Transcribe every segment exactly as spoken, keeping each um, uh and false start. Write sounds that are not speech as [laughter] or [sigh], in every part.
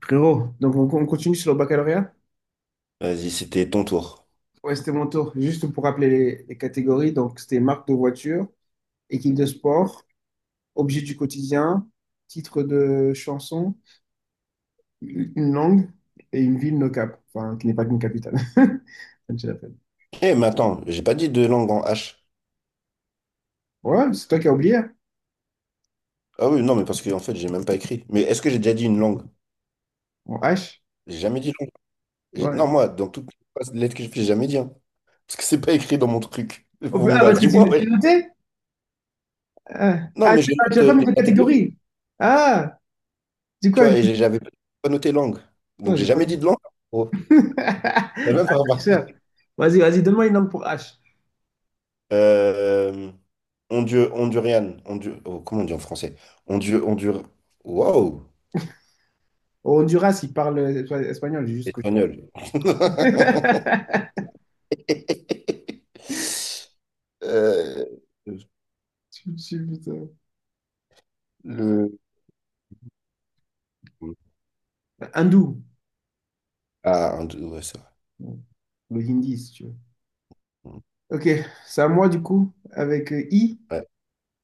Frérot, donc on, on continue sur le baccalauréat? Vas-y, c'était ton tour. Ouais, c'était mon tour. Juste pour rappeler les, les catégories, donc c'était marque de voiture, équipe de sport, objet du quotidien, titre de chanson, une langue et une ville no cap, enfin qui n'est pas qu'une capitale. [laughs] Comme tu l'appelles. Eh, mais attends, j'ai pas dit de langue en H. Ouais, c'est toi qui as oublié. Ah oui, non, mais parce qu'en fait, j'ai même pas écrit. Mais est-ce que j'ai déjà dit une langue? En H. J'ai jamais dit langue. J'ai- Non, Ouais. moi, dans toutes les lettres que j'ai fait, j'ai jamais dit, hein. Parce que c'est pas écrit dans mon truc. Oh, Mon ah, gars, parce que dis-moi. tu, Ouais. tu notais? Ah, Non, ah, mais tu, je ah, tu note n'as pas euh, mis les de catégories, catégorie. Ah, dis tu quoi? vois, et j'ai- j'avais pas noté langue. Attends, Donc, j'ai j'ai pas jamais dit de compris. langue. Oh, [laughs] Ah, t'as même pas tricheur. remarqué. Vas-y, vas-y, donne-moi une langue pour H. Euh, Hondu- Hondurian. Hondu- oh, comment on dit en français? Hondu- Hondur... Waouh! Au Honduras, ils parlent euh, espagnol, c'est juste que je parle. Espagnol. [laughs] [laughs] [laughs] Euh, Tu- tu- putain. le... Hindou. Ah, un, ouais, c'est vrai. Le hindi, si tu veux. Mm. Ok, c'est à moi du coup, avec euh, I, Ouais.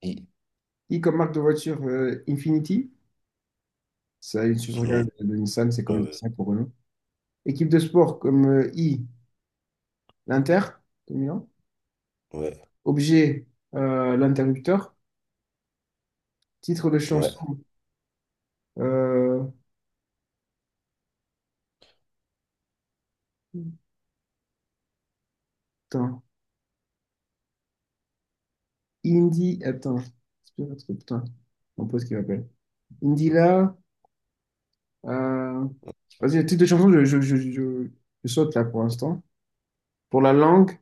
I- I comme marque de voiture euh, Infinity. C'est une sous-marque Mm, de Nissan, c'est comme euh, Nissan pour Renault. Équipe de sport comme euh, I, l'Inter de Milan. ouais, Objet, euh, l'interrupteur. Titre de ouais, chanson, euh, putain, Indie, attends, c'est pas un truc, putain, mon pote qui m'appelle. Indila. Euh, vas-y, le titre de chanson, je, je, je, je- je saute là pour l'instant. Pour la langue,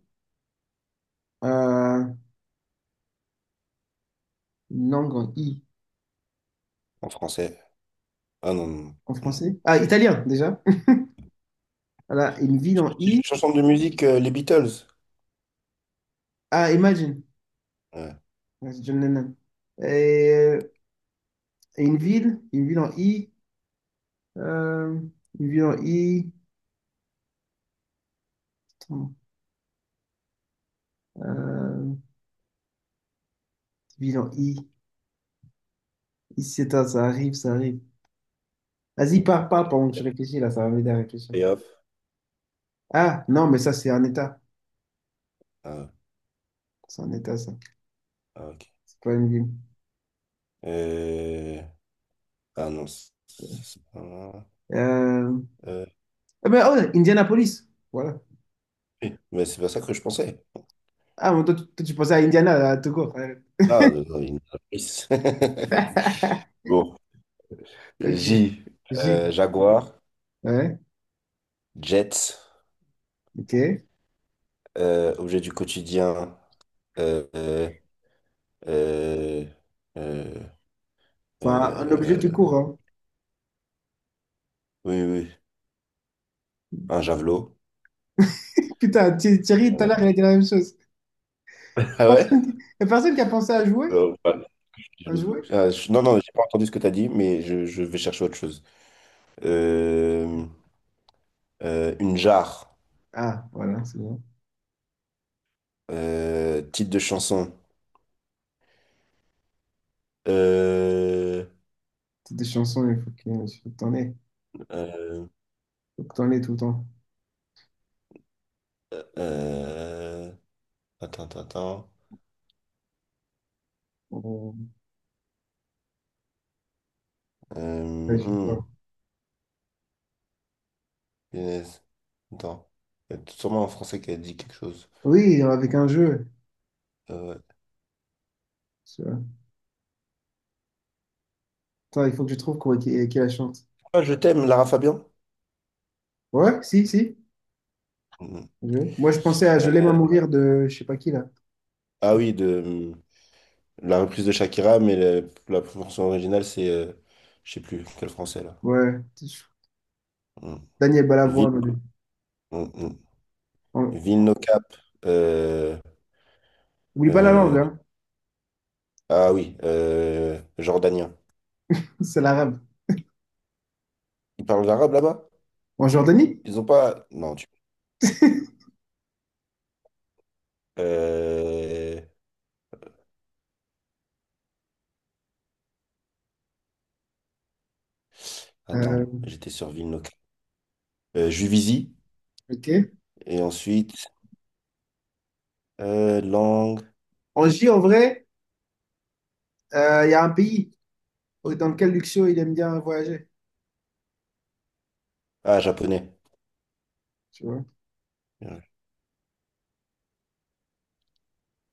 euh, une langue en I, en français. Ah non, non, en non. français. Ah, italien déjà. [laughs] Voilà, une ville en Ch- I. Chanson de musique, euh, les Beatles. Ah, Imagine. Ouais. Ouais, c'est John Lennon. Et, euh, et une ville, une ville en I. euh, une ville en I. Attends, euh, ville en I. Ici, c'est ça, ça arrive, ça arrive. Vas-y, pars, pars pendant que je réfléchis là, ça va m'aider à réfléchir. Et hop. Ah, non, mais ça, c'est un état. Ah, C'est un état, ça. ah, ok. C'est pas une ville. Euh, Ah non, c'est c'est pas, Euh, euh, Eh ben, oh, Indianapolis. Voilà. oui, mais c'est pas ça que je pensais. Ah, mais toi, tu toi, tu pensais à Indiana, à tout court. Ouais. Ah, euh, non, il y en a plus. [laughs] [laughs] Bon, Ok. J, J. euh, Jaguar, Ouais, Jets, ok. euh, objet du quotidien, Euh, euh, euh, euh, Enfin, un objet euh, tout court, hein. oui, oui, un javelot. Putain, Thi- Thierry, tout à l'heure, il Euh, a dit la même chose. [laughs] Ah ouais? Personne qui... y a personne qui a pensé à jouer? Euh, ouais, je suis À jaloux. jouer? Ah, je- non, non, j'ai pas entendu ce que tu as dit, mais je, je vais chercher autre chose. Euh, euh, une jarre. Ah, voilà, c'est bon. Euh, titre de chanson. Euh, Toutes des chansons, il faut que il faut que t'en aies. euh, Il faut que t'en aies tout le temps. euh, attends, attends, attends. On- Euh, ouais, je sais pas. hmm, Punaise. Attends. Il y a sûrement un Français qui a dit quelque chose. Oui, avec un jeu. Euh, ouais. Tu vois. Attends, il faut que je trouve quoi, qui, qui la chante. Ah, je t'aime, Lara Fabian? Ouais, si, si. Je- moi, je pensais à Je l'aime à mourir de je sais pas qui, là. Ah oui, de mmh, la reprise de Shakira, mais le- la version originale, c'est, euh, je sais plus, quel français là. Ouais. Hmm. Daniel Vil- Balavoine. hmm, hmm. On- Vilno Cap. euh, oublie pas la langue, euh, hein. ah oui, euh, jordanien. [laughs] C'est l'arabe. Ils parlent l'arabe là-bas? En Jordanie. Ils ont pas. Non, tu. [laughs] Euh, Euh, Attends, j'étais sur Vilno Cap. Euh, Juvisy. ok. Et ensuite, euh, langue. En J, en vrai, euh, il y a un pays dans lequel Luxio, il aime bien voyager. Ah, japonais. Tu vois.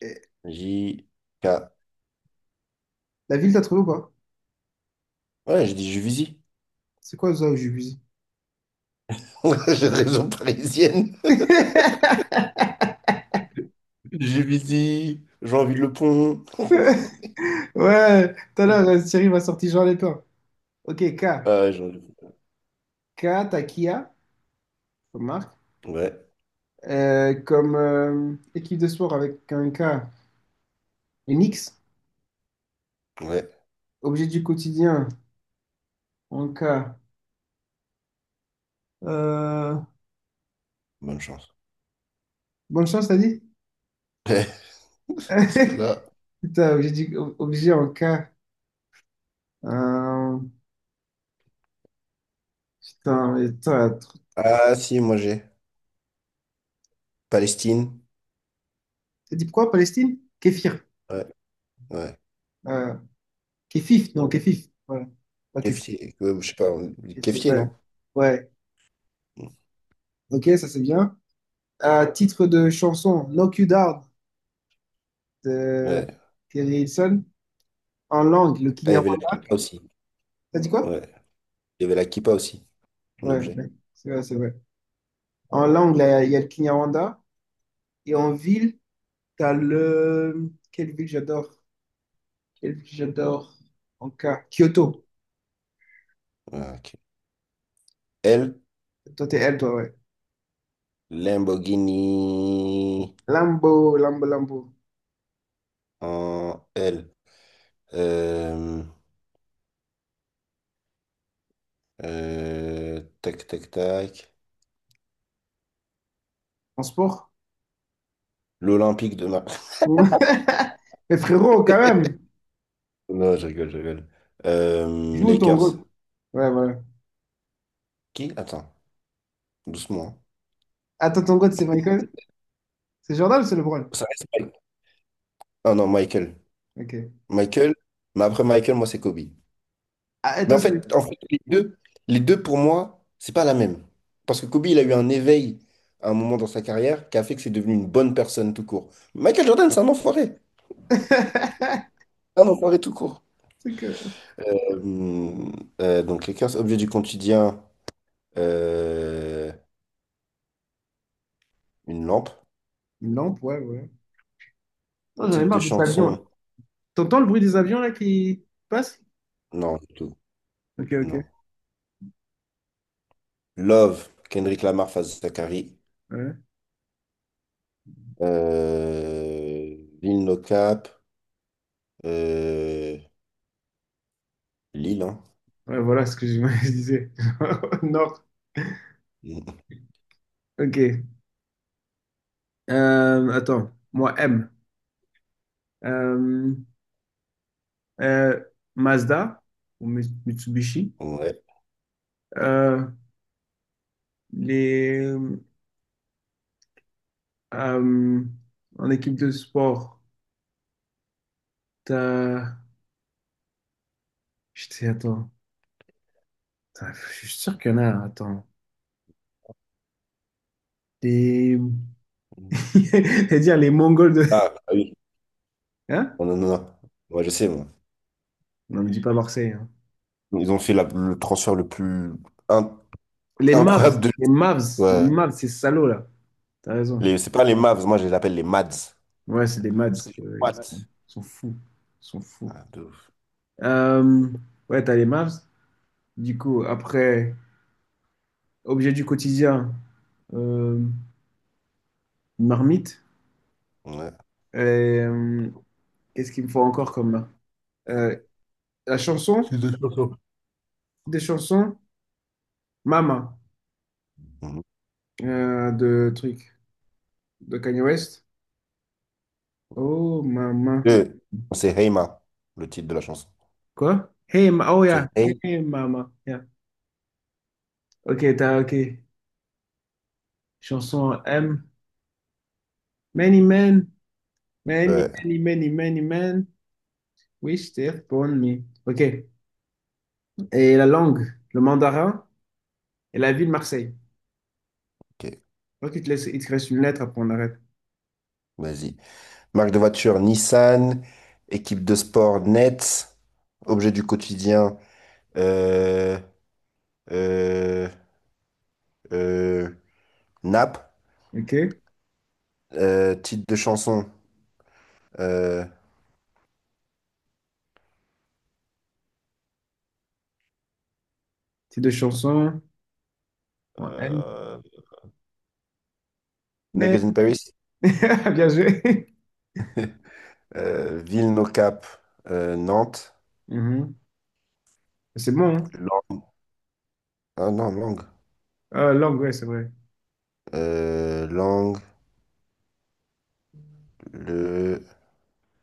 Et J. K. la ville, t'as trouvé ou pas? Ouais, j'ai dit Juvisy. C'est quoi ça où j'ai visé? [laughs] J'ai raison parisienne. [laughs] J'ai visé, j'ai envie de le pont. Ouais, tout à l'heure, euh, Thierry m'a sorti Jean Lépin. Ok, K. Ah, j'ai envie de K, t'as Kia, comme marque. Ouais, Euh, comme euh, équipe de sport avec un K. Une X. ouais, Objet du quotidien, en K. Euh, bonne chance. bonne chance, t'as dit? Ouais, [laughs] parce que [laughs] là. Putain, objet, du- objet en cas. Euh, putain, mais toi, Ah, si, moi j'ai. Palestine. t'as dit pourquoi Palestine? Kéfir. Ouais, ouais. Euh, kéfif, non, kéfif. Voilà. Pas kéfif, Keffieh, ouais, je sais pas, on dit kéfir, Keffieh, ouais. non? Ouais. Ok, ça c'est bien. À titre de chanson, Knock You Down de Ouais. Kerry Hilson. En langue, le Ah, il y avait la Kinyarwanda. kippa aussi. T'as dit quoi? Ouais. Il y avait la kippa aussi, en Ouais, objet. ouais, c'est vrai, c'est vrai. En langue, là, il y a le Kinyarwanda. Et en ville, t'as le. Quelle ville j'adore? Quelle ville j'adore? En cas. Kyoto. Ouais, ok. L, Toi, t'es L, toi, ouais. Lamborghini. Lambo, Lambo, Lambo. En L. Euh, euh, tac, tac, tac. En sport? L'Olympique de Marseille. [laughs] Ouais. [laughs] Mais frérot, quand même, Non, je rigole, je rigole. Euh, joue ton Lakers. goat. Ouais, voilà. Qui? Attends, doucement, hein. Attends, ton goat, c'est Michael? C'est Jordan ou c'est LeBron? Ça reste Mike. Ah non, Michael. Ok. Michael, mais après Michael, moi, c'est Kobe. Ah, et Mais toi, en c'est. fait, en fait, les deux, les deux, pour moi, c'est pas la même. Parce que Kobe, il a eu un éveil à un moment dans sa carrière qui a fait que c'est devenu une bonne personne tout court. Michael Jordan, c'est un enfoiré. [laughs] Un enfoiré tout court. C'est que. Euh, euh, donc, Lakers, objet du quotidien, euh, une lampe. Une lampe, ouais, ouais. Oh, j'en ai Titre de marre des avions, là. chanson, T'entends le bruit des avions, là, qui passent? non, du tout. Ok, Non. ok. Love, Kendrick Lamar face Zachary. Ouais, Euh, Lil No Cap. Euh, Lil, hein. ouais, voilà ce que je [laughs] je disais. [laughs] Non. [laughs] Ok. Euh, attends, moi M. Euh, euh, Mazda ou Mi- Mitsubishi? Ouais. Euh, les, euh, en équipe de sport, t'as... Putain, attends. Putain, je suis sûr qu'il y en a, attends. Les... [laughs] C'est-à-dire les Mongols de... Ah, ah oui. Hein? Non, non, non, non. Ouais, je sais, moi. Non, ne dis pas Marseille, hein. Ils ont fait la- le transfert le plus in- Les Mavs. incroyable de. Les Mavs. Les Ouais. Mavs, ces salauds, là. T'as raison. Les, c'est pas les Mavs, moi je les appelle les Mads. Ouais, c'est les Mavs. Parce que euh, Ils what? sont, ils sont fous. Ils sont fous. Ah, de ouf. Euh, ouais, t'as les Mavs. Du coup, après, objet du quotidien, euh, marmite. Ouais. Euh, Qu'est-ce qu'il me faut encore comme main? Euh, la chanson, des chansons, Mama, Mhm. euh, de truc, de Kanye West. Oh, Mama. Euh, C'est Heima, le titre de la chanson. Quoi? Hey, ma oh, yeah. C'est Hey. Hey, Mama. Yeah. Ok, t'as, ok. Chanson M. Many men, many, Ouais, many, many, many men wish they upon me. Ok. Et la langue, le mandarin et la ville Marseille. ok. Ok, il te laisse, il te reste une lettre, après on arrête. Vas-y. Marque de voiture Nissan, équipe de sport Nets, objet du quotidien euh, euh, euh, Nap, Ok? euh, titre de chanson euh, C'est deux chansons. En M. euh, Mais- Naked in Paris, [laughs] bien joué. euh, ville No Cap, euh, Nantes. Mhm. C'est bon, hein? Lang- ah non, langue, Ah, langue, ouais, c'est vrai. euh, langue, le...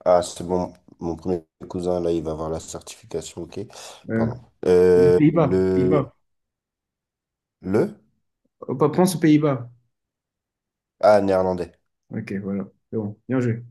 Ah, c'est bon, mon premier cousin, là, il va avoir la certification, ok, Euh, pardon. Euh, Pays-Bas, le... Pays-Bas. Le? Oh, pas- pense aux Pays-Bas. Ah, néerlandais. Ok, voilà. C'est bon. Bien joué.